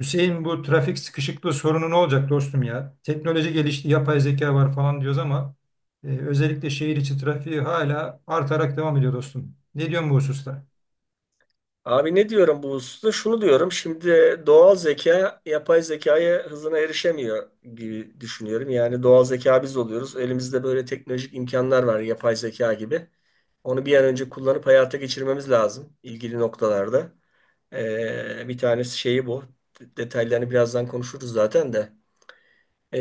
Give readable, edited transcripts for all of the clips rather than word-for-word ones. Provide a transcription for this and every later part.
Hüseyin bu trafik sıkışıklığı sorunu ne olacak dostum ya? Teknoloji gelişti, yapay zeka var falan diyoruz ama özellikle şehir içi trafiği hala artarak devam ediyor dostum. Ne diyorsun bu hususta? Abi ne diyorum bu hususta? Şunu diyorum. Şimdi doğal zeka yapay zekaya hızına erişemiyor gibi düşünüyorum. Yani doğal zeka biz oluyoruz. Elimizde böyle teknolojik imkanlar var yapay zeka gibi. Onu bir an önce kullanıp hayata geçirmemiz lazım ilgili noktalarda. Bir tanesi şeyi bu. Detaylarını birazdan konuşuruz zaten de. Ee,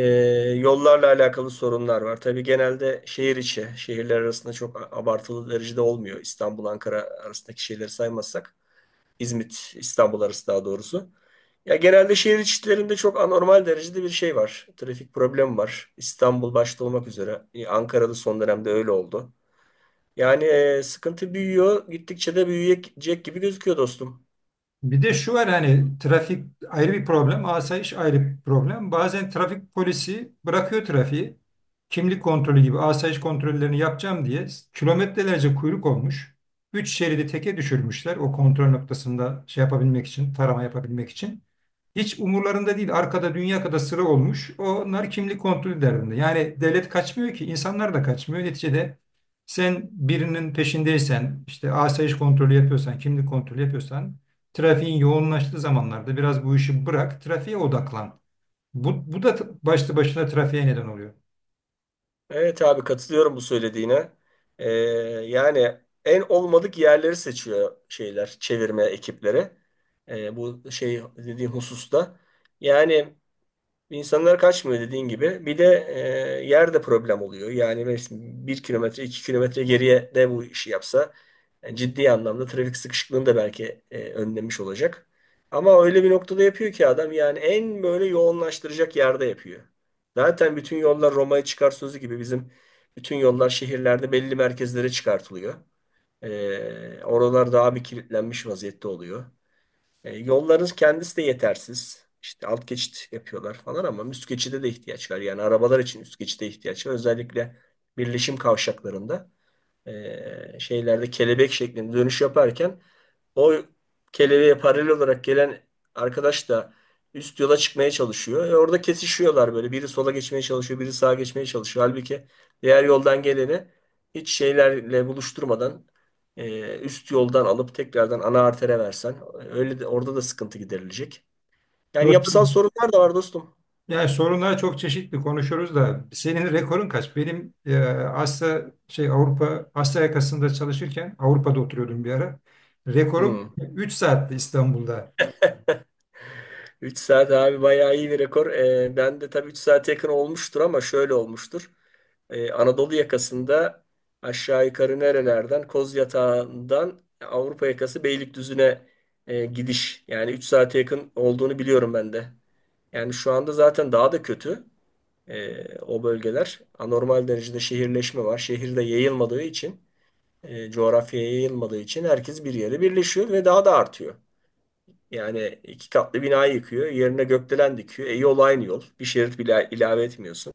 yollarla alakalı sorunlar var. Tabii genelde şehir içi, şehirler arasında çok abartılı derecede olmuyor. İstanbul, Ankara arasındaki şeyleri saymazsak. İzmit, İstanbul arası daha doğrusu. Ya genelde şehir içlerinde çok anormal derecede bir şey var. Trafik problemi var. İstanbul başta olmak üzere. Ankara'da son dönemde öyle oldu. Yani sıkıntı büyüyor. Gittikçe de büyüyecek gibi gözüküyor dostum. Bir de şu var hani trafik ayrı bir problem, asayiş ayrı bir problem. Bazen trafik polisi bırakıyor trafiği. Kimlik kontrolü gibi asayiş kontrollerini yapacağım diye kilometrelerce kuyruk olmuş. Üç şeridi teke düşürmüşler o kontrol noktasında şey yapabilmek için, tarama yapabilmek için. Hiç umurlarında değil. Arkada dünya kadar sıra olmuş. Onlar kimlik kontrolü derdinde. Yani devlet kaçmıyor ki, insanlar da kaçmıyor. Neticede sen birinin peşindeysen, işte asayiş kontrolü yapıyorsan, kimlik kontrolü yapıyorsan trafiğin yoğunlaştığı zamanlarda biraz bu işi bırak, trafiğe odaklan. Bu da başlı başına trafiğe neden oluyor. Evet abi katılıyorum bu söylediğine. E, yani en olmadık yerleri seçiyor şeyler, çevirme ekipleri. Bu şey dediğim hususta. Yani İnsanlar kaçmıyor dediğin gibi. Bir de yer problem oluyor. Yani mesela 1 kilometre, 2 kilometre geriye de bu işi yapsa ciddi anlamda trafik sıkışıklığını da belki önlemiş olacak. Ama öyle bir noktada yapıyor ki adam yani en böyle yoğunlaştıracak yerde yapıyor. Zaten bütün yollar Roma'ya çıkar sözü gibi bizim bütün yollar şehirlerde belli merkezlere çıkartılıyor. Oralar daha bir kilitlenmiş vaziyette oluyor. Yolların kendisi de yetersiz. İşte alt geçit yapıyorlar falan ama üst geçide de ihtiyaç var. Yani arabalar için üst geçide ihtiyaç var. Özellikle birleşim kavşaklarında şeylerde kelebek şeklinde dönüş yaparken o kelebeğe paralel olarak gelen arkadaş da üst yola çıkmaya çalışıyor. Orada kesişiyorlar böyle. Biri sola geçmeye çalışıyor, biri sağa geçmeye çalışıyor. Halbuki diğer yoldan geleni hiç şeylerle buluşturmadan üst yoldan alıp tekrardan ana artere versen öyle de orada da sıkıntı giderilecek. Yani yapısal Dostum, sorunlar da var dostum. yani sorunlar çok çeşitli konuşuyoruz da senin rekorun kaç? Benim Asya şey Avrupa Asya yakasında çalışırken Avrupa'da oturuyordum bir ara. Rekorum Hmm. 3 saatti İstanbul'da. 3 saat abi bayağı iyi bir rekor. Ben de tabii 3 saate yakın olmuştur ama şöyle olmuştur. Anadolu yakasında aşağı yukarı nerelerden? Koz Yatağı'ndan Avrupa yakası Beylikdüzü'ne gidiş. Yani 3 saate yakın olduğunu biliyorum ben de. Yani şu anda zaten daha da kötü o bölgeler. Anormal derecede şehirleşme var. Şehirde yayılmadığı için, coğrafyaya yayılmadığı için herkes bir yere birleşiyor ve daha da artıyor. Yani iki katlı binayı yıkıyor, yerine gökdelen dikiyor. Yol aynı yol. Bir şerit bile ilave etmiyorsun.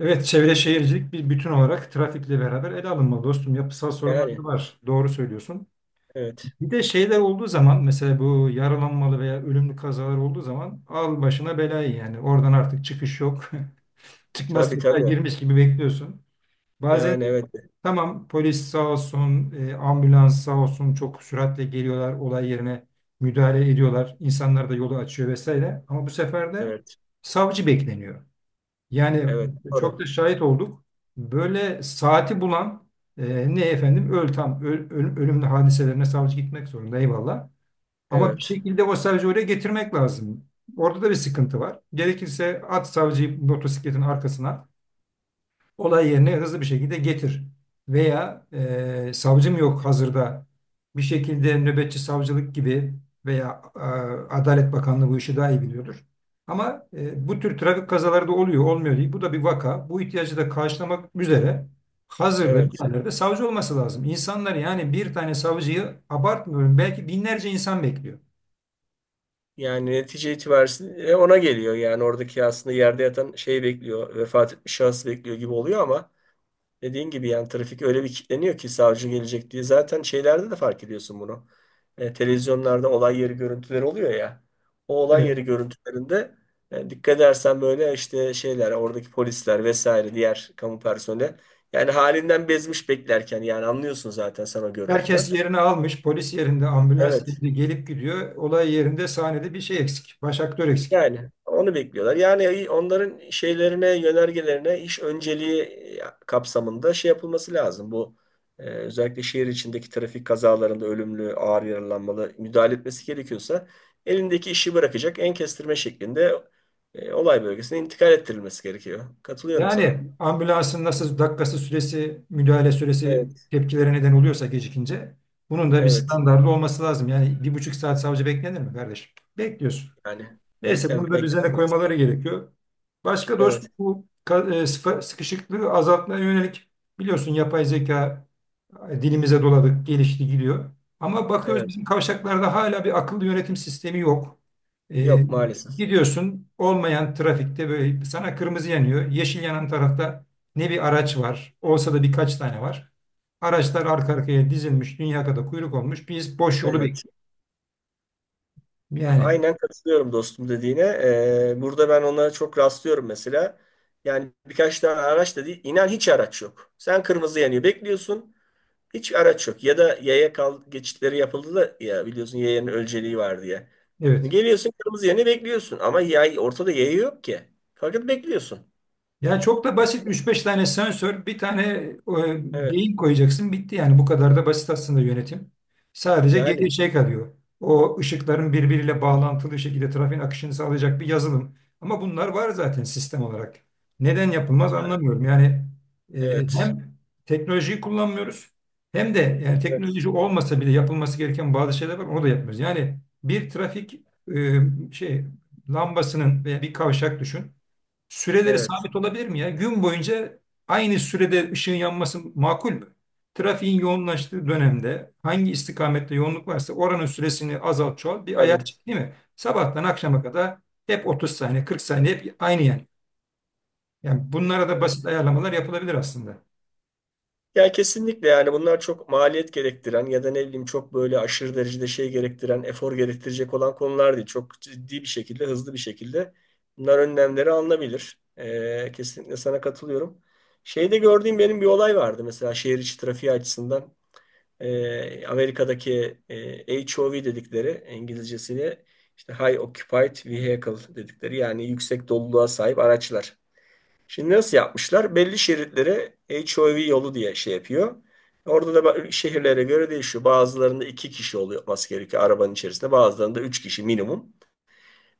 Evet, çevre E, şehircilik bir bütün olarak trafikle beraber ele alınmalı dostum. Yapısal sorunlar Yani da var. Doğru söylüyorsun. evet. Bir de şeyler olduğu zaman mesela bu yaralanmalı veya ölümlü kazalar olduğu zaman al başına belayı yani. Oradan artık çıkış yok. Çıkmaz Tabii sokağa tabii. girmiş gibi bekliyorsun. Bazen Yani de evet, tamam, polis sağ olsun, ambulans sağ olsun çok süratle geliyorlar olay yerine müdahale ediyorlar. İnsanlar da yolu açıyor vesaire. Ama bu sefer de evet, savcı bekleniyor. Yani evet, çok da doğru. şahit olduk. Böyle saati bulan ne efendim öl tam öl- öl- ölümlü hadiselerine savcı gitmek zorunda, eyvallah. Ama bir Evet, şekilde o savcıyı oraya getirmek lazım. Orada da bir sıkıntı var. Gerekirse at savcıyı motosikletin arkasına, olay yerine hızlı bir şekilde getir. Veya savcım yok hazırda, bir şekilde nöbetçi savcılık gibi, veya Adalet Bakanlığı bu işi daha iyi biliyordur. Ama bu tür trafik kazaları da oluyor, olmuyor değil. Bu da bir vaka. Bu ihtiyacı da karşılamak üzere hazırda bir evet. yerlerde savcı olması lazım. İnsanlar, yani bir tane savcıyı abartmıyorum, belki binlerce insan bekliyor. Yani netice itibariyle ona geliyor. Yani oradaki aslında yerde yatan şey bekliyor, vefat etmiş şahıs bekliyor gibi oluyor ama dediğin gibi yani trafik öyle bir kilitleniyor ki savcı gelecek diye. Zaten şeylerde de fark ediyorsun bunu. Televizyonlarda olay yeri görüntüleri oluyor ya. O olay Evet. yeri görüntülerinde dikkat edersen böyle işte şeyler, oradaki polisler vesaire diğer kamu personeli. Yani halinden bezmiş beklerken yani anlıyorsun zaten sen o Herkes görüntüden. yerini almış. Polis yerinde, ambulans Evet. yerinde gelip gidiyor. Olay yerinde, sahnede bir şey eksik. Baş aktör eksik. Yani onu bekliyorlar. Yani onların şeylerine, yönergelerine iş önceliği kapsamında şey yapılması lazım. Bu özellikle şehir içindeki trafik kazalarında ölümlü, ağır yaralanmalı müdahale etmesi gerekiyorsa elindeki işi bırakacak en kestirme şeklinde olay bölgesine intikal ettirilmesi gerekiyor. Katılıyorum sana. Yani ambulansın nasıl dakikası, süresi, müdahale süresi Evet. tepkilere neden oluyorsa gecikince, bunun da bir Evet. standardı olması lazım. Yani 1,5 saat savcı beklenir mi kardeşim? Bekliyorsun. Yani Neyse, bunu beklem da beklem düzene koymaları gerekiyor. Başka dostum, Evet. bu sıkışıklığı azaltmaya yönelik, biliyorsun yapay zeka dilimize doladık, gelişti, gidiyor. Ama bakıyoruz, Evet. bizim kavşaklarda hala bir akıllı yönetim sistemi yok. Ee, Yok maalesef. gidiyorsun olmayan trafikte, böyle sana kırmızı yanıyor. Yeşil yanan tarafta ne bir araç var, olsa da birkaç tane var. Araçlar arka arkaya dizilmiş, dünya kadar kuyruk olmuş. Biz boş yolu Evet. bekliyoruz. Yani, Aynen katılıyorum dostum dediğine. Burada ben ona çok rastlıyorum mesela. Yani birkaç tane araç da değil. İnan hiç araç yok. Sen kırmızı yanıyor bekliyorsun. Hiç araç yok. Ya da yaya kal geçitleri yapıldı da ya biliyorsun yayanın ölçeliği var diye. evet. Geliyorsun kırmızı yanıyor bekliyorsun. Ama yay, ortada yaya yok ki. Fakat bekliyorsun. Ya çok da basit, üç beş tane sensör, bir tane Evet. beyin koyacaksın, bitti yani, bu kadar da basit aslında yönetim. Sadece Yani geriye şey kalıyor. O ışıkların birbiriyle bağlantılı şekilde trafiğin akışını sağlayacak bir yazılım. Ama bunlar var zaten sistem olarak. Neden yapılmaz anlamıyorum. Yani evet. hem teknolojiyi kullanmıyoruz, hem de yani Evet. teknoloji olmasa bile yapılması gereken bazı şeyler var, onu da yapmıyoruz. Yani bir trafik e, şey lambasının veya bir kavşak düşün. Süreleri Evet. sabit olabilir mi ya? Gün boyunca aynı sürede ışığın yanması makul mü? Trafiğin yoğunlaştığı dönemde hangi istikamette yoğunluk varsa oranın süresini azalt çoğalt, bir ayar Tabii. çek değil mi? Sabahtan akşama kadar hep 30 saniye, 40 saniye, hep aynı yani. Yani bunlara da basit Evet. ayarlamalar yapılabilir aslında. Ya kesinlikle yani bunlar çok maliyet gerektiren ya da ne bileyim çok böyle aşırı derecede şey gerektiren, efor gerektirecek olan konular değil. Çok ciddi bir şekilde, hızlı bir şekilde bunlar önlemleri alınabilir. Kesinlikle sana katılıyorum. Şeyde gördüğüm benim bir olay vardı mesela şehir içi trafiği açısından. Amerika'daki HOV dedikleri İngilizcesini işte High Occupied Vehicle dedikleri yani yüksek doluluğa sahip araçlar. Şimdi nasıl yapmışlar? Belli şeritlere HOV yolu diye şey yapıyor. Orada da şehirlere göre değişiyor. Bazılarında iki kişi oluyor olması gerekiyor arabanın içerisinde. Bazılarında üç kişi minimum.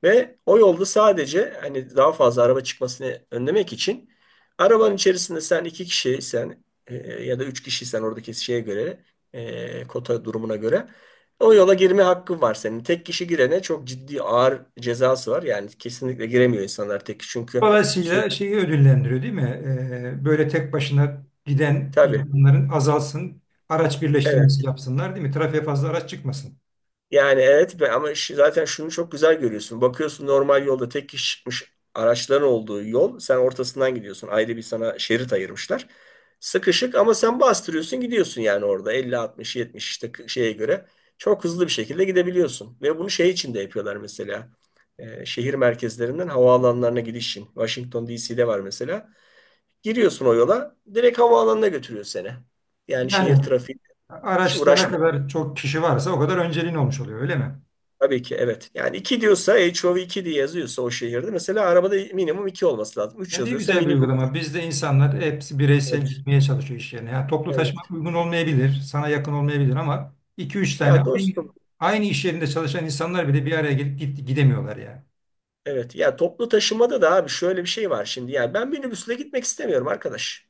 Ve o yolda sadece hani daha fazla araba çıkmasını önlemek için arabanın içerisinde sen iki kişiysen ya da üç kişiysen oradaki şeye göre kota durumuna göre o yola girme hakkın var senin. Tek kişi girene çok ciddi ağır cezası var. Yani kesinlikle giremiyor insanlar tek kişi çünkü sürekli Dolayısıyla şeyi ödüllendiriyor değil mi? Böyle tek başına giden tabii. insanların azalsın, araç Evet. birleştirmesi yapsınlar değil mi? Trafiğe fazla araç çıkmasın. Yani evet be ama zaten şunu çok güzel görüyorsun. Bakıyorsun normal yolda tek kişi çıkmış araçların olduğu yol. Sen ortasından gidiyorsun. Ayrı bir sana şerit ayırmışlar. Sıkışık ama sen bastırıyorsun gidiyorsun yani orada 50, 60, 70 işte şeye göre. Çok hızlı bir şekilde gidebiliyorsun. Ve bunu şey için de yapıyorlar mesela. Şehir merkezlerinden havaalanlarına gidiş için. Washington DC'de var mesela. Giriyorsun o yola direkt havaalanına götürüyor seni. Yani şehir Yani trafiği hiç araçta ne uğraşma. kadar çok kişi varsa o kadar önceliğin olmuş oluyor öyle mi? Tabii ki evet. Yani 2 diyorsa HOV iki diye yazıyorsa o şehirde mesela arabada minimum 2 olması lazım. 3 Ya ne yazıyorsa güzel bir minimum uygulama. Bizde insanlar hepsi evet, bireysel gitmeye çalışıyor iş yerine. Yani toplu taşıma evet. uygun olmayabilir, sana yakın olmayabilir ama iki üç Ya tane aynı, dostum aynı iş yerinde çalışan insanlar bile bir araya gelip gidemiyorlar yani. evet ya toplu taşımada da abi şöyle bir şey var şimdi. Yani ben minibüsle gitmek istemiyorum arkadaş.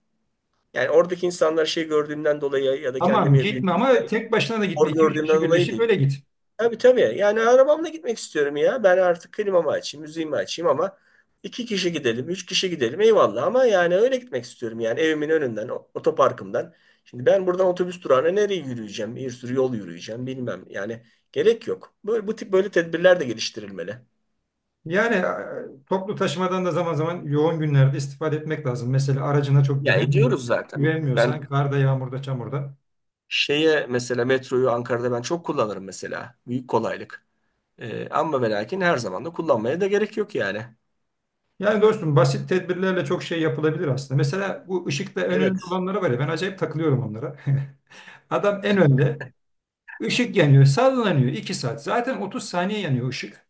Yani oradaki insanlar şey gördüğümden dolayı ya da Tamam kendimi gitme ama bildiğimde tek başına da gitme. hor 2 üç gördüğümden kişi dolayı birleşip değil. öyle git. Tabii tabii. Yani arabamla gitmek istiyorum ya. Ben artık klimamı açayım, müziğimi açayım ama iki kişi gidelim, üç kişi gidelim eyvallah ama yani öyle gitmek istiyorum. Yani evimin önünden, otoparkımdan. Şimdi ben buradan otobüs durağına nereye yürüyeceğim? Bir sürü yol yürüyeceğim bilmem. Yani gerek yok. Böyle, bu tip böyle tedbirler de geliştirilmeli. Yani toplu taşımadan da zaman zaman yoğun günlerde istifade etmek lazım. Mesela aracına çok Ya ediyoruz zaten. Ben güvenmiyorsan karda, yağmurda, çamurda. şeye mesela metroyu Ankara'da ben çok kullanırım mesela. Büyük kolaylık. Ama ve lakin her zaman da kullanmaya da gerek yok yani. Yani dostum, basit tedbirlerle çok şey yapılabilir aslında. Mesela bu ışıkta en önde Evet. olanlara var ya, ben acayip takılıyorum onlara. Adam en önde, ışık yanıyor, sallanıyor 2 saat, zaten 30 saniye yanıyor ışık.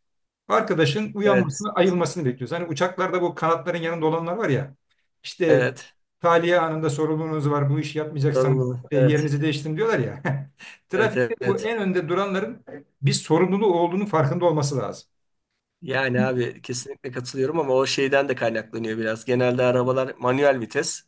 Arkadaşın Evet. uyanmasını, ayılmasını bekliyoruz. Hani uçaklarda bu kanatların yanında olanlar var ya, İşte Evet. tahliye anında sorumluluğunuz var, bu işi yapmayacaksanız Sorumluluk. Evet. yerinizi değiştirin diyorlar ya. Evet, Trafikte evet, bu evet. en önde duranların bir sorumluluğu olduğunu farkında olması lazım. Yani abi kesinlikle katılıyorum ama o şeyden de kaynaklanıyor biraz. Genelde arabalar manuel vites.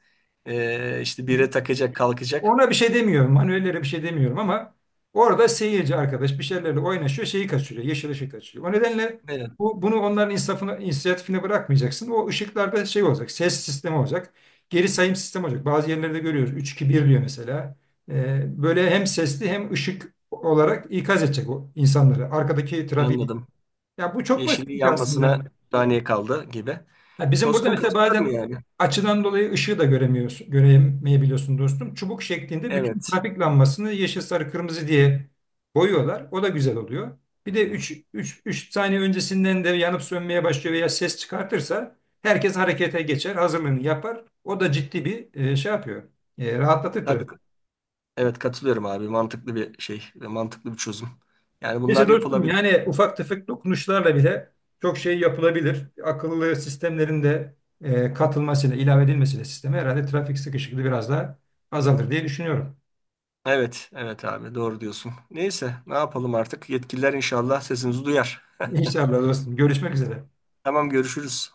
İşte bire takacak, kalkacak. Ona bir şey demiyorum. Manuellere bir şey demiyorum ama orada seyirci arkadaş bir şeylerle oynaşıyor, şeyi kaçırıyor, yeşil ışığı kaçırıyor. O nedenle Evet, bunu onların insafına, inisiyatifine bırakmayacaksın. O ışıklarda şey olacak, ses sistemi olacak, geri sayım sistemi olacak. Bazı yerlerde görüyoruz, üç 2 bir diyor mesela. Böyle hem sesli hem ışık olarak ikaz edecek o insanları, arkadaki trafiği. anladım. Ya bu çok basit Yeşili aslında. yanmasına saniye kaldı gibi. Ha, bizim burada Dostum mesela katılıyorum bazen yani. açıdan dolayı ışığı da göremeyebiliyorsun dostum. Çubuk şeklinde bütün Evet. trafik lambasını yeşil, sarı, kırmızı diye boyuyorlar. O da güzel oluyor. Bir de 3 3 3 saniye öncesinden de yanıp sönmeye başlıyor veya ses çıkartırsa herkes harekete geçer, hazırlığını yapar. O da ciddi bir şey yapıyor. Rahatlatır. Tabii. Evet katılıyorum abi. Mantıklı bir şey. Mantıklı bir çözüm. Yani Neyse bunlar dostum, yapılabilir. yani ufak tefek dokunuşlarla bile çok şey yapılabilir. Akıllı sistemlerin de katılmasıyla, ilave edilmesiyle sisteme herhalde trafik sıkışıklığı biraz daha azalır diye düşünüyorum. Evet. Evet abi. Doğru diyorsun. Neyse. Ne yapalım artık? Yetkililer inşallah sesimizi duyar. İnşallah dostum. Görüşmek üzere. Tamam görüşürüz.